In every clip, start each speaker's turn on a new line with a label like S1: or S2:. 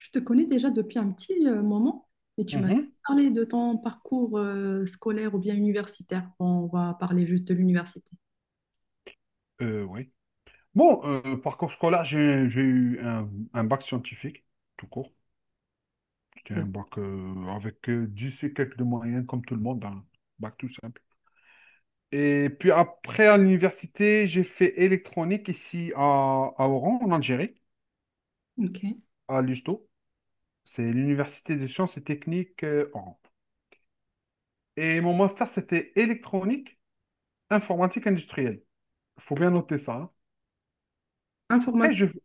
S1: Je te connais déjà depuis un petit moment et tu m'as
S2: Mhm.
S1: parlé de ton parcours scolaire ou bien universitaire. Bon, on va parler juste de l'université.
S2: Oui. Parcours scolaire, j'ai eu un bac scientifique, tout court. C'était un
S1: Ouais.
S2: bac avec 10 et quelques de moyens, comme tout le monde, un bac tout simple. Et puis après, à l'université, j'ai fait électronique ici à Oran, en Algérie,
S1: Ok.
S2: à l'USTO. C'est l'université des sciences et techniques Oran. Et mon master, c'était électronique, informatique industrielle. Il faut bien noter ça, hein. Après, je...
S1: Informatique,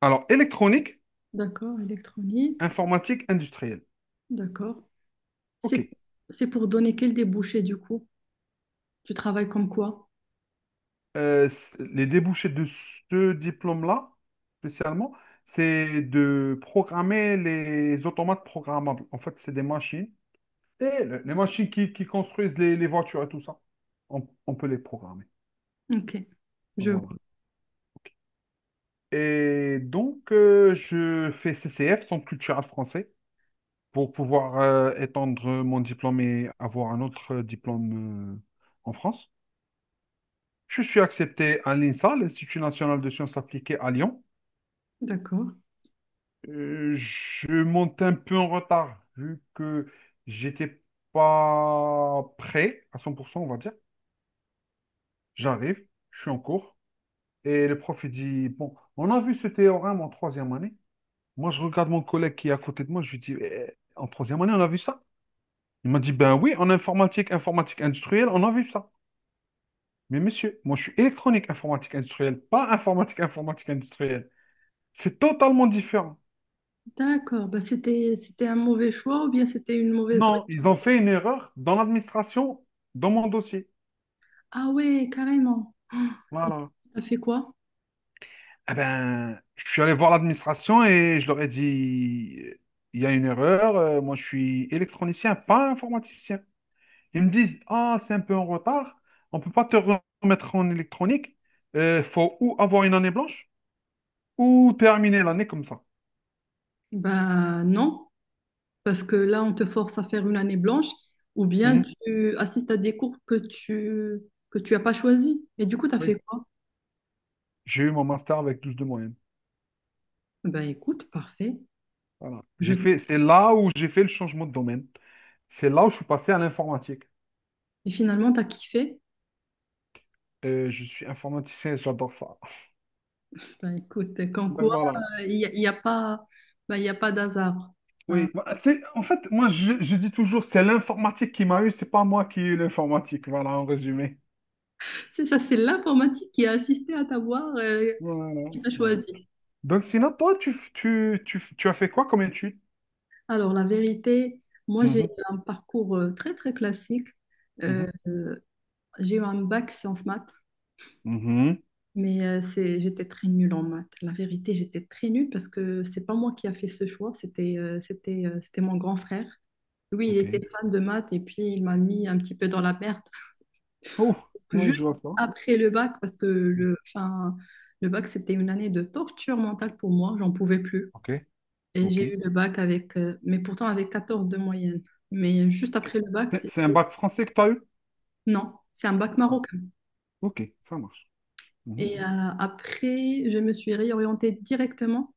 S2: Alors, électronique,
S1: d'accord. Électronique,
S2: informatique industrielle.
S1: d'accord. C'est
S2: OK.
S1: c'est pour donner quel débouché du coup? Tu travailles comme quoi?
S2: Les débouchés de ce diplôme-là, spécialement, c'est de programmer les automates programmables. En fait, c'est des machines. Et les machines qui construisent les voitures et tout ça, on peut les programmer.
S1: Ok.
S2: Donc,
S1: Je
S2: voilà.
S1: vois.
S2: Et donc, je fais CCF, Centre culturel français, pour pouvoir étendre mon diplôme et avoir un autre diplôme en France. Je suis accepté à l'INSA, l'Institut national de sciences appliquées à Lyon.
S1: D'accord.
S2: Je monte un peu en retard, vu que j'étais pas prêt à cent pour cent, on va dire. J'arrive, je suis en cours, et le prof il dit, bon, on a vu ce théorème en troisième année. Moi, je regarde mon collègue qui est à côté de moi, je lui dis, eh, en troisième année, on a vu ça? Il m'a dit, ben oui, en informatique, informatique industrielle, on a vu ça. Mais monsieur, moi, je suis électronique, informatique industrielle, pas informatique, informatique industrielle. C'est totalement différent.
S1: D'accord. Bah, c'était un mauvais choix ou bien c'était une mauvaise...
S2: Non, ils ont fait une erreur dans l'administration, dans mon dossier.
S1: Ah ouais, carrément. Et
S2: Voilà.
S1: t'as fait quoi?
S2: Eh ben, je suis allé voir l'administration et je leur ai dit, il y a une erreur, moi je suis électronicien, pas informaticien. Ils me disent, ah, c'est un peu en retard, on ne peut pas te remettre en électronique, il faut ou avoir une année blanche ou terminer l'année comme ça.
S1: Bah non. Parce que là, on te force à faire une année blanche ou bien
S2: Mhm.
S1: tu assistes à des cours que tu as pas choisi. Et du coup, tu as fait
S2: Oui.
S1: quoi?
S2: J'ai eu mon master avec 12 de moyenne.
S1: Ben écoute, parfait.
S2: Voilà.
S1: Je
S2: J'ai
S1: te-
S2: fait, c'est là où j'ai fait le changement de domaine. C'est là où je suis passé à l'informatique.
S1: Et finalement, tu as kiffé.
S2: Je suis informaticien, et j'adore ça.
S1: Ben écoute, quand
S2: Donc
S1: quoi,
S2: voilà.
S1: il n'y a, il y a pas, ben, il y a pas d'hasard. Ben,
S2: Oui, moi, tu en fait, moi, je dis toujours, c'est l'informatique qui m'a eu, c'est pas moi qui ai eu l'informatique. Voilà, en résumé.
S1: c'est ça, c'est l'informatique qui a assisté à t'avoir,
S2: Voilà,
S1: qui t'a
S2: voilà.
S1: choisi.
S2: Donc, sinon, toi, tu as fait quoi comme étude?
S1: Alors, la vérité, moi, j'ai
S2: Mhm,
S1: un parcours très, très classique. Euh,
S2: mhm,
S1: j'ai eu un bac sciences maths.
S2: mhm.
S1: Mais c'est, j'étais très nulle en maths. La vérité, j'étais très nulle parce que c'est pas moi qui a fait ce choix, c'était mon grand frère. Lui, il
S2: Ok.
S1: était fan de maths et puis il m'a mis un petit peu dans la merde
S2: Oh, oui,
S1: juste
S2: je vois ça.
S1: après le bac parce que le, enfin, le bac, c'était une année de torture mentale pour moi, j'en pouvais plus.
S2: Ok,
S1: Et
S2: ok,
S1: j'ai eu le bac avec, mais pourtant avec 14 de moyenne. Mais juste
S2: ok.
S1: après le bac,
S2: C'est un bac français que tu as eu?
S1: non, c'est un bac
S2: Ah,
S1: marocain.
S2: ok, ça marche. Mhm,
S1: Et après, je me suis réorientée directement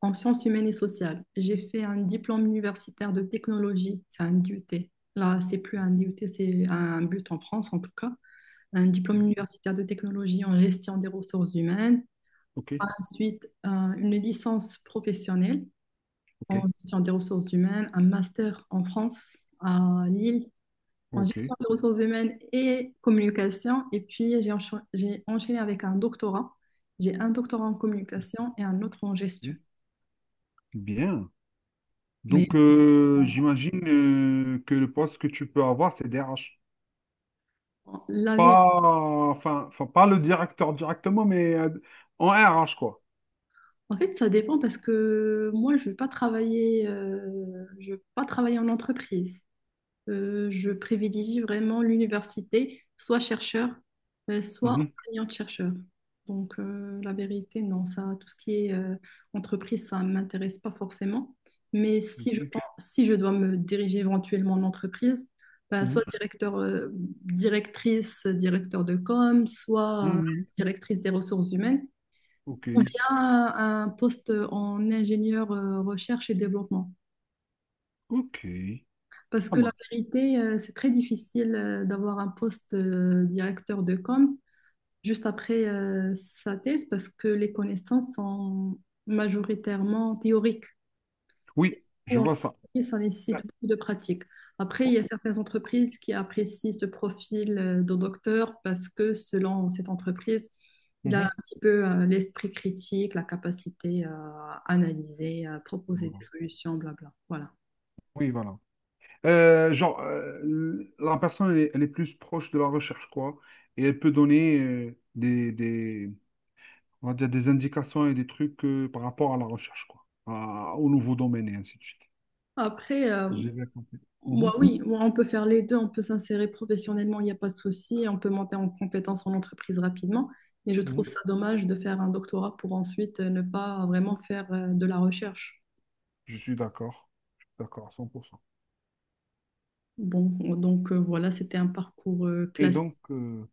S1: en sciences humaines et sociales. J'ai fait un diplôme universitaire de technologie, c'est un DUT. Là, c'est plus un DUT, c'est un but en France en tout cas. Un diplôme
S2: mhm.
S1: universitaire de technologie en gestion des ressources humaines.
S2: Ok,
S1: Ensuite, une licence professionnelle
S2: ok,
S1: en gestion des ressources humaines, un master en France, à Lille, en
S2: ok.
S1: gestion des ressources humaines et communication. Et puis, j'ai enchaîné avec un doctorat. J'ai un doctorat en communication et un autre en gestion.
S2: Bien. Bien.
S1: Mais
S2: Donc, j'imagine que le poste que tu peux avoir, c'est DRH.
S1: la vérité,
S2: Pas, enfin, enfin, pas le directeur directement, mais en RH, quoi.
S1: en fait, ça dépend parce que moi, je ne veux pas travailler, je veux pas travailler en entreprise. Je privilégie vraiment l'université, soit chercheur, soit
S2: Mhm.
S1: enseignante-chercheur. Donc, la vérité, non, ça, tout ce qui est entreprise, ça ne m'intéresse pas forcément. Mais si
S2: Ok.
S1: je pense, si je dois me diriger éventuellement en entreprise, bah, soit
S2: Mhm.
S1: directeur, directrice, directeur de com, soit
S2: Mhm.
S1: directrice des ressources humaines
S2: Ok.
S1: ou bien un poste en ingénieur recherche et développement.
S2: Ok.
S1: Parce
S2: Ça
S1: que la
S2: marche.
S1: vérité, c'est très difficile d'avoir un poste directeur de com juste après sa thèse parce que les connaissances sont majoritairement théoriques.
S2: Oui, je
S1: Beaucoup en
S2: vois ça.
S1: entreprise, ça
S2: Euh,
S1: nécessite beaucoup de pratique. Après, il y a certaines entreprises qui apprécient ce profil de docteur parce que selon cette entreprise, il a un
S2: mhm.
S1: petit peu l'esprit critique, la capacité à analyser, à proposer des
S2: Voilà.
S1: solutions, blabla. Voilà.
S2: Oui, voilà. La personne, elle est plus proche de la recherche, quoi. Et elle peut donner on va dire des indications et des trucs par rapport à la recherche, quoi. Au nouveau domaine et ainsi de suite.
S1: Après,
S2: J'ai bien compris. Mhm.
S1: moi, oui, moi, on peut faire les deux, on peut s'insérer professionnellement, il n'y a pas de souci, on peut monter en compétence en entreprise rapidement, mais je trouve
S2: Mhm.
S1: ça dommage de faire un doctorat pour ensuite ne pas vraiment faire de la recherche.
S2: Je suis d'accord. Je suis d'accord à 100%.
S1: Bon, donc voilà, c'était un parcours
S2: Et
S1: classique.
S2: donc,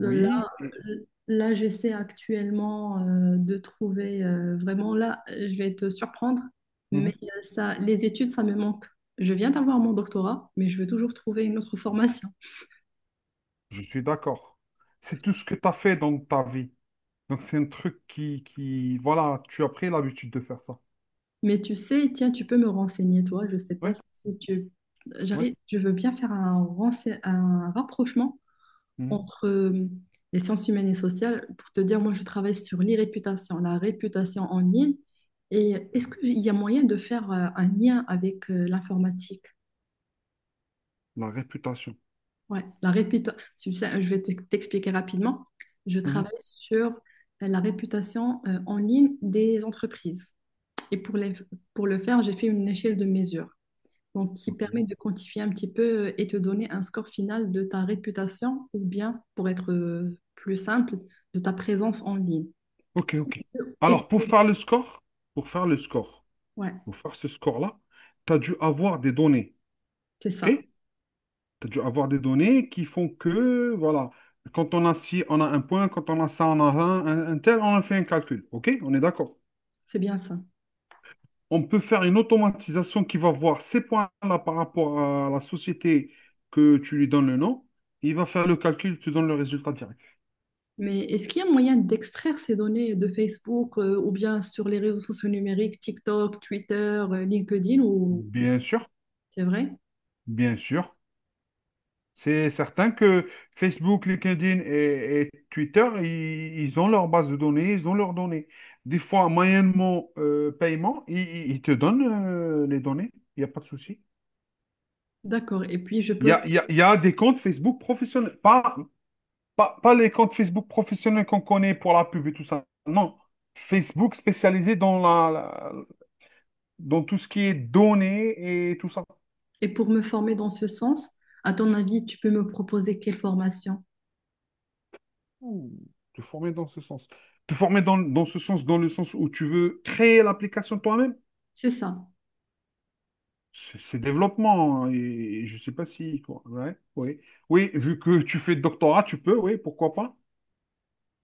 S1: Euh, Là,
S2: et-
S1: là j'essaie actuellement de trouver vraiment, là, je vais te surprendre,
S2: Mhm,
S1: mais ça, les études, ça me manque. Je viens d'avoir mon doctorat, mais je veux toujours trouver une autre formation.
S2: je suis d'accord. C'est tout ce que tu as fait dans ta vie. Donc, c'est un truc voilà, tu as pris l'habitude de faire ça.
S1: Mais tu sais, tiens, tu peux me renseigner, toi. Je sais pas
S2: Oui,
S1: si tu...
S2: oui,
S1: J'arrive, je veux bien faire un rapprochement
S2: mhm.
S1: entre les sciences humaines et sociales, pour te dire, moi, je travaille sur l'irréputation, la réputation en ligne. Et est-ce qu'il y a moyen de faire un lien avec l'informatique?
S2: La réputation.
S1: Ouais, la réputa- tu sais, t'expliquer rapidement. Je
S2: Mhm.
S1: travaille sur la réputation en ligne des entreprises. Et pour le faire, j'ai fait une échelle de mesure. Donc qui permet
S2: Ok,
S1: de quantifier un petit peu et te donner un score final de ta réputation ou bien, pour être plus simple, de ta présence en ligne.
S2: ok, ok.
S1: Et c'est-
S2: Alors, pour faire le score, pour faire le score,
S1: ouais,
S2: pour faire ce score-là, tu as dû avoir des données.
S1: c'est
S2: OK?
S1: ça,
S2: Tu as dû avoir des données qui font que, voilà, quand on a ci, on a un point, quand on a ça, on a un tel, on a fait un calcul. OK? On est d'accord.
S1: c'est bien ça.
S2: On peut faire une automatisation qui va voir ces points-là par rapport à la société que tu lui donnes le nom. Il va faire le calcul, tu donnes le résultat direct.
S1: Mais est-ce qu'il y a moyen d'extraire ces données de Facebook ou bien sur les réseaux sociaux numériques, TikTok, Twitter, LinkedIn ou
S2: Bien sûr,
S1: c'est vrai?
S2: bien sûr. C'est certain que Facebook, LinkedIn et Twitter, ils ont leur base de données, ils ont leurs données. Des fois, moyennement paiement, ils te donnent les données. Il n'y a pas de souci.
S1: D'accord. Et puis je peux
S2: Il y a des comptes Facebook professionnels, pas, pas les comptes Facebook professionnels qu'on connaît pour la pub et tout ça. Non. Facebook spécialisé dans dans tout ce qui est données et tout ça.
S1: et pour me former dans ce sens, à ton avis, tu peux me proposer quelle formation?
S2: Ouh, te former dans ce sens. Te former dans ce sens, dans le sens où tu veux créer l'application toi-même.
S1: C'est ça.
S2: C'est développement, hein. Et, je sais pas si, quoi. Ouais, oui. Oui, vu que tu fais doctorat, tu peux, oui, pourquoi pas.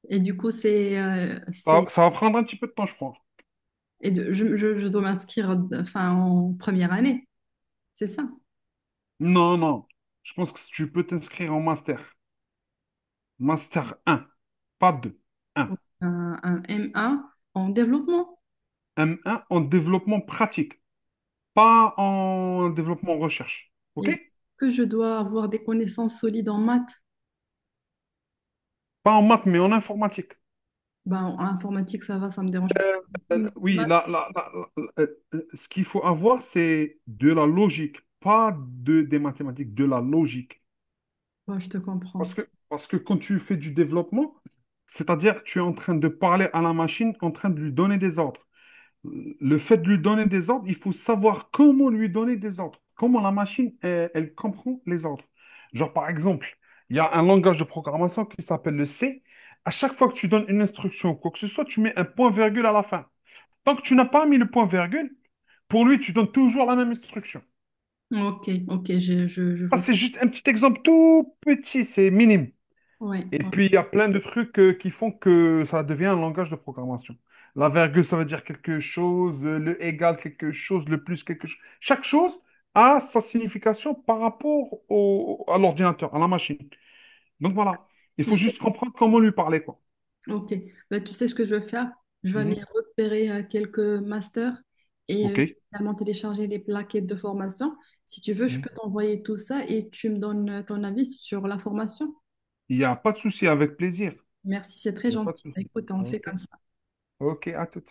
S1: Et du coup, c'est
S2: Ça,
S1: c'est.
S2: ça va prendre un petit peu de temps, je crois.
S1: Et je dois m'inscrire enfin, en première année, c'est ça.
S2: Non, non. Je pense que tu peux t'inscrire en master. Master un pas 2.
S1: Un M1 en développement.
S2: M1 en développement pratique, pas en développement recherche.
S1: Et
S2: OK?
S1: que je dois avoir des connaissances solides en maths?
S2: Pas en maths, mais en informatique.
S1: Ben, en informatique, ça va, ça me dérange pas. Mais les
S2: Oui,
S1: maths,
S2: là, euh, ce qu'il faut avoir, c'est de la logique, pas des mathématiques, de la logique.
S1: ouais, je te
S2: Parce
S1: comprends.
S2: que, parce que quand tu fais du développement, c'est-à-dire tu es en train de parler à la machine, en train de lui donner des ordres. Le fait de lui donner des ordres, il faut savoir comment lui donner des ordres, comment la machine, elle comprend les ordres. Genre, par exemple, il y a un langage de programmation qui s'appelle le C. À chaque fois que tu donnes une instruction, quoi que ce soit, tu mets un point-virgule à la fin. Tant que tu n'as pas mis le point-virgule, pour lui, tu donnes toujours la même instruction.
S1: Ok, ok, je
S2: Ça,
S1: vois ce que...
S2: c'est juste un petit exemple tout petit, c'est minime.
S1: Ouais,
S2: Et
S1: ouais.
S2: puis, il y a plein de trucs qui font que ça devient un langage de programmation. La virgule, ça veut dire quelque chose, le égal, quelque chose, le plus, quelque chose. Chaque chose a sa signification par rapport à l'ordinateur, à la machine. Donc voilà, il
S1: Tu
S2: faut
S1: sais,
S2: juste comprendre comment lui parler, quoi.
S1: ok. Ben, tu sais ce que je vais faire? Je vais
S2: Mhm.
S1: aller repérer quelques masters et je vais
S2: OK.
S1: également télécharger les plaquettes de formation. Si tu veux, je peux
S2: Mhm.
S1: t'envoyer tout ça et tu me donnes ton avis sur la formation.
S2: Il n'y a pas de souci, avec plaisir.
S1: Merci, c'est très
S2: Il n'y a pas de
S1: gentil.
S2: souci.
S1: Écoute, on
S2: Ah,
S1: fait comme
S2: OK.
S1: ça.
S2: OK, à tout.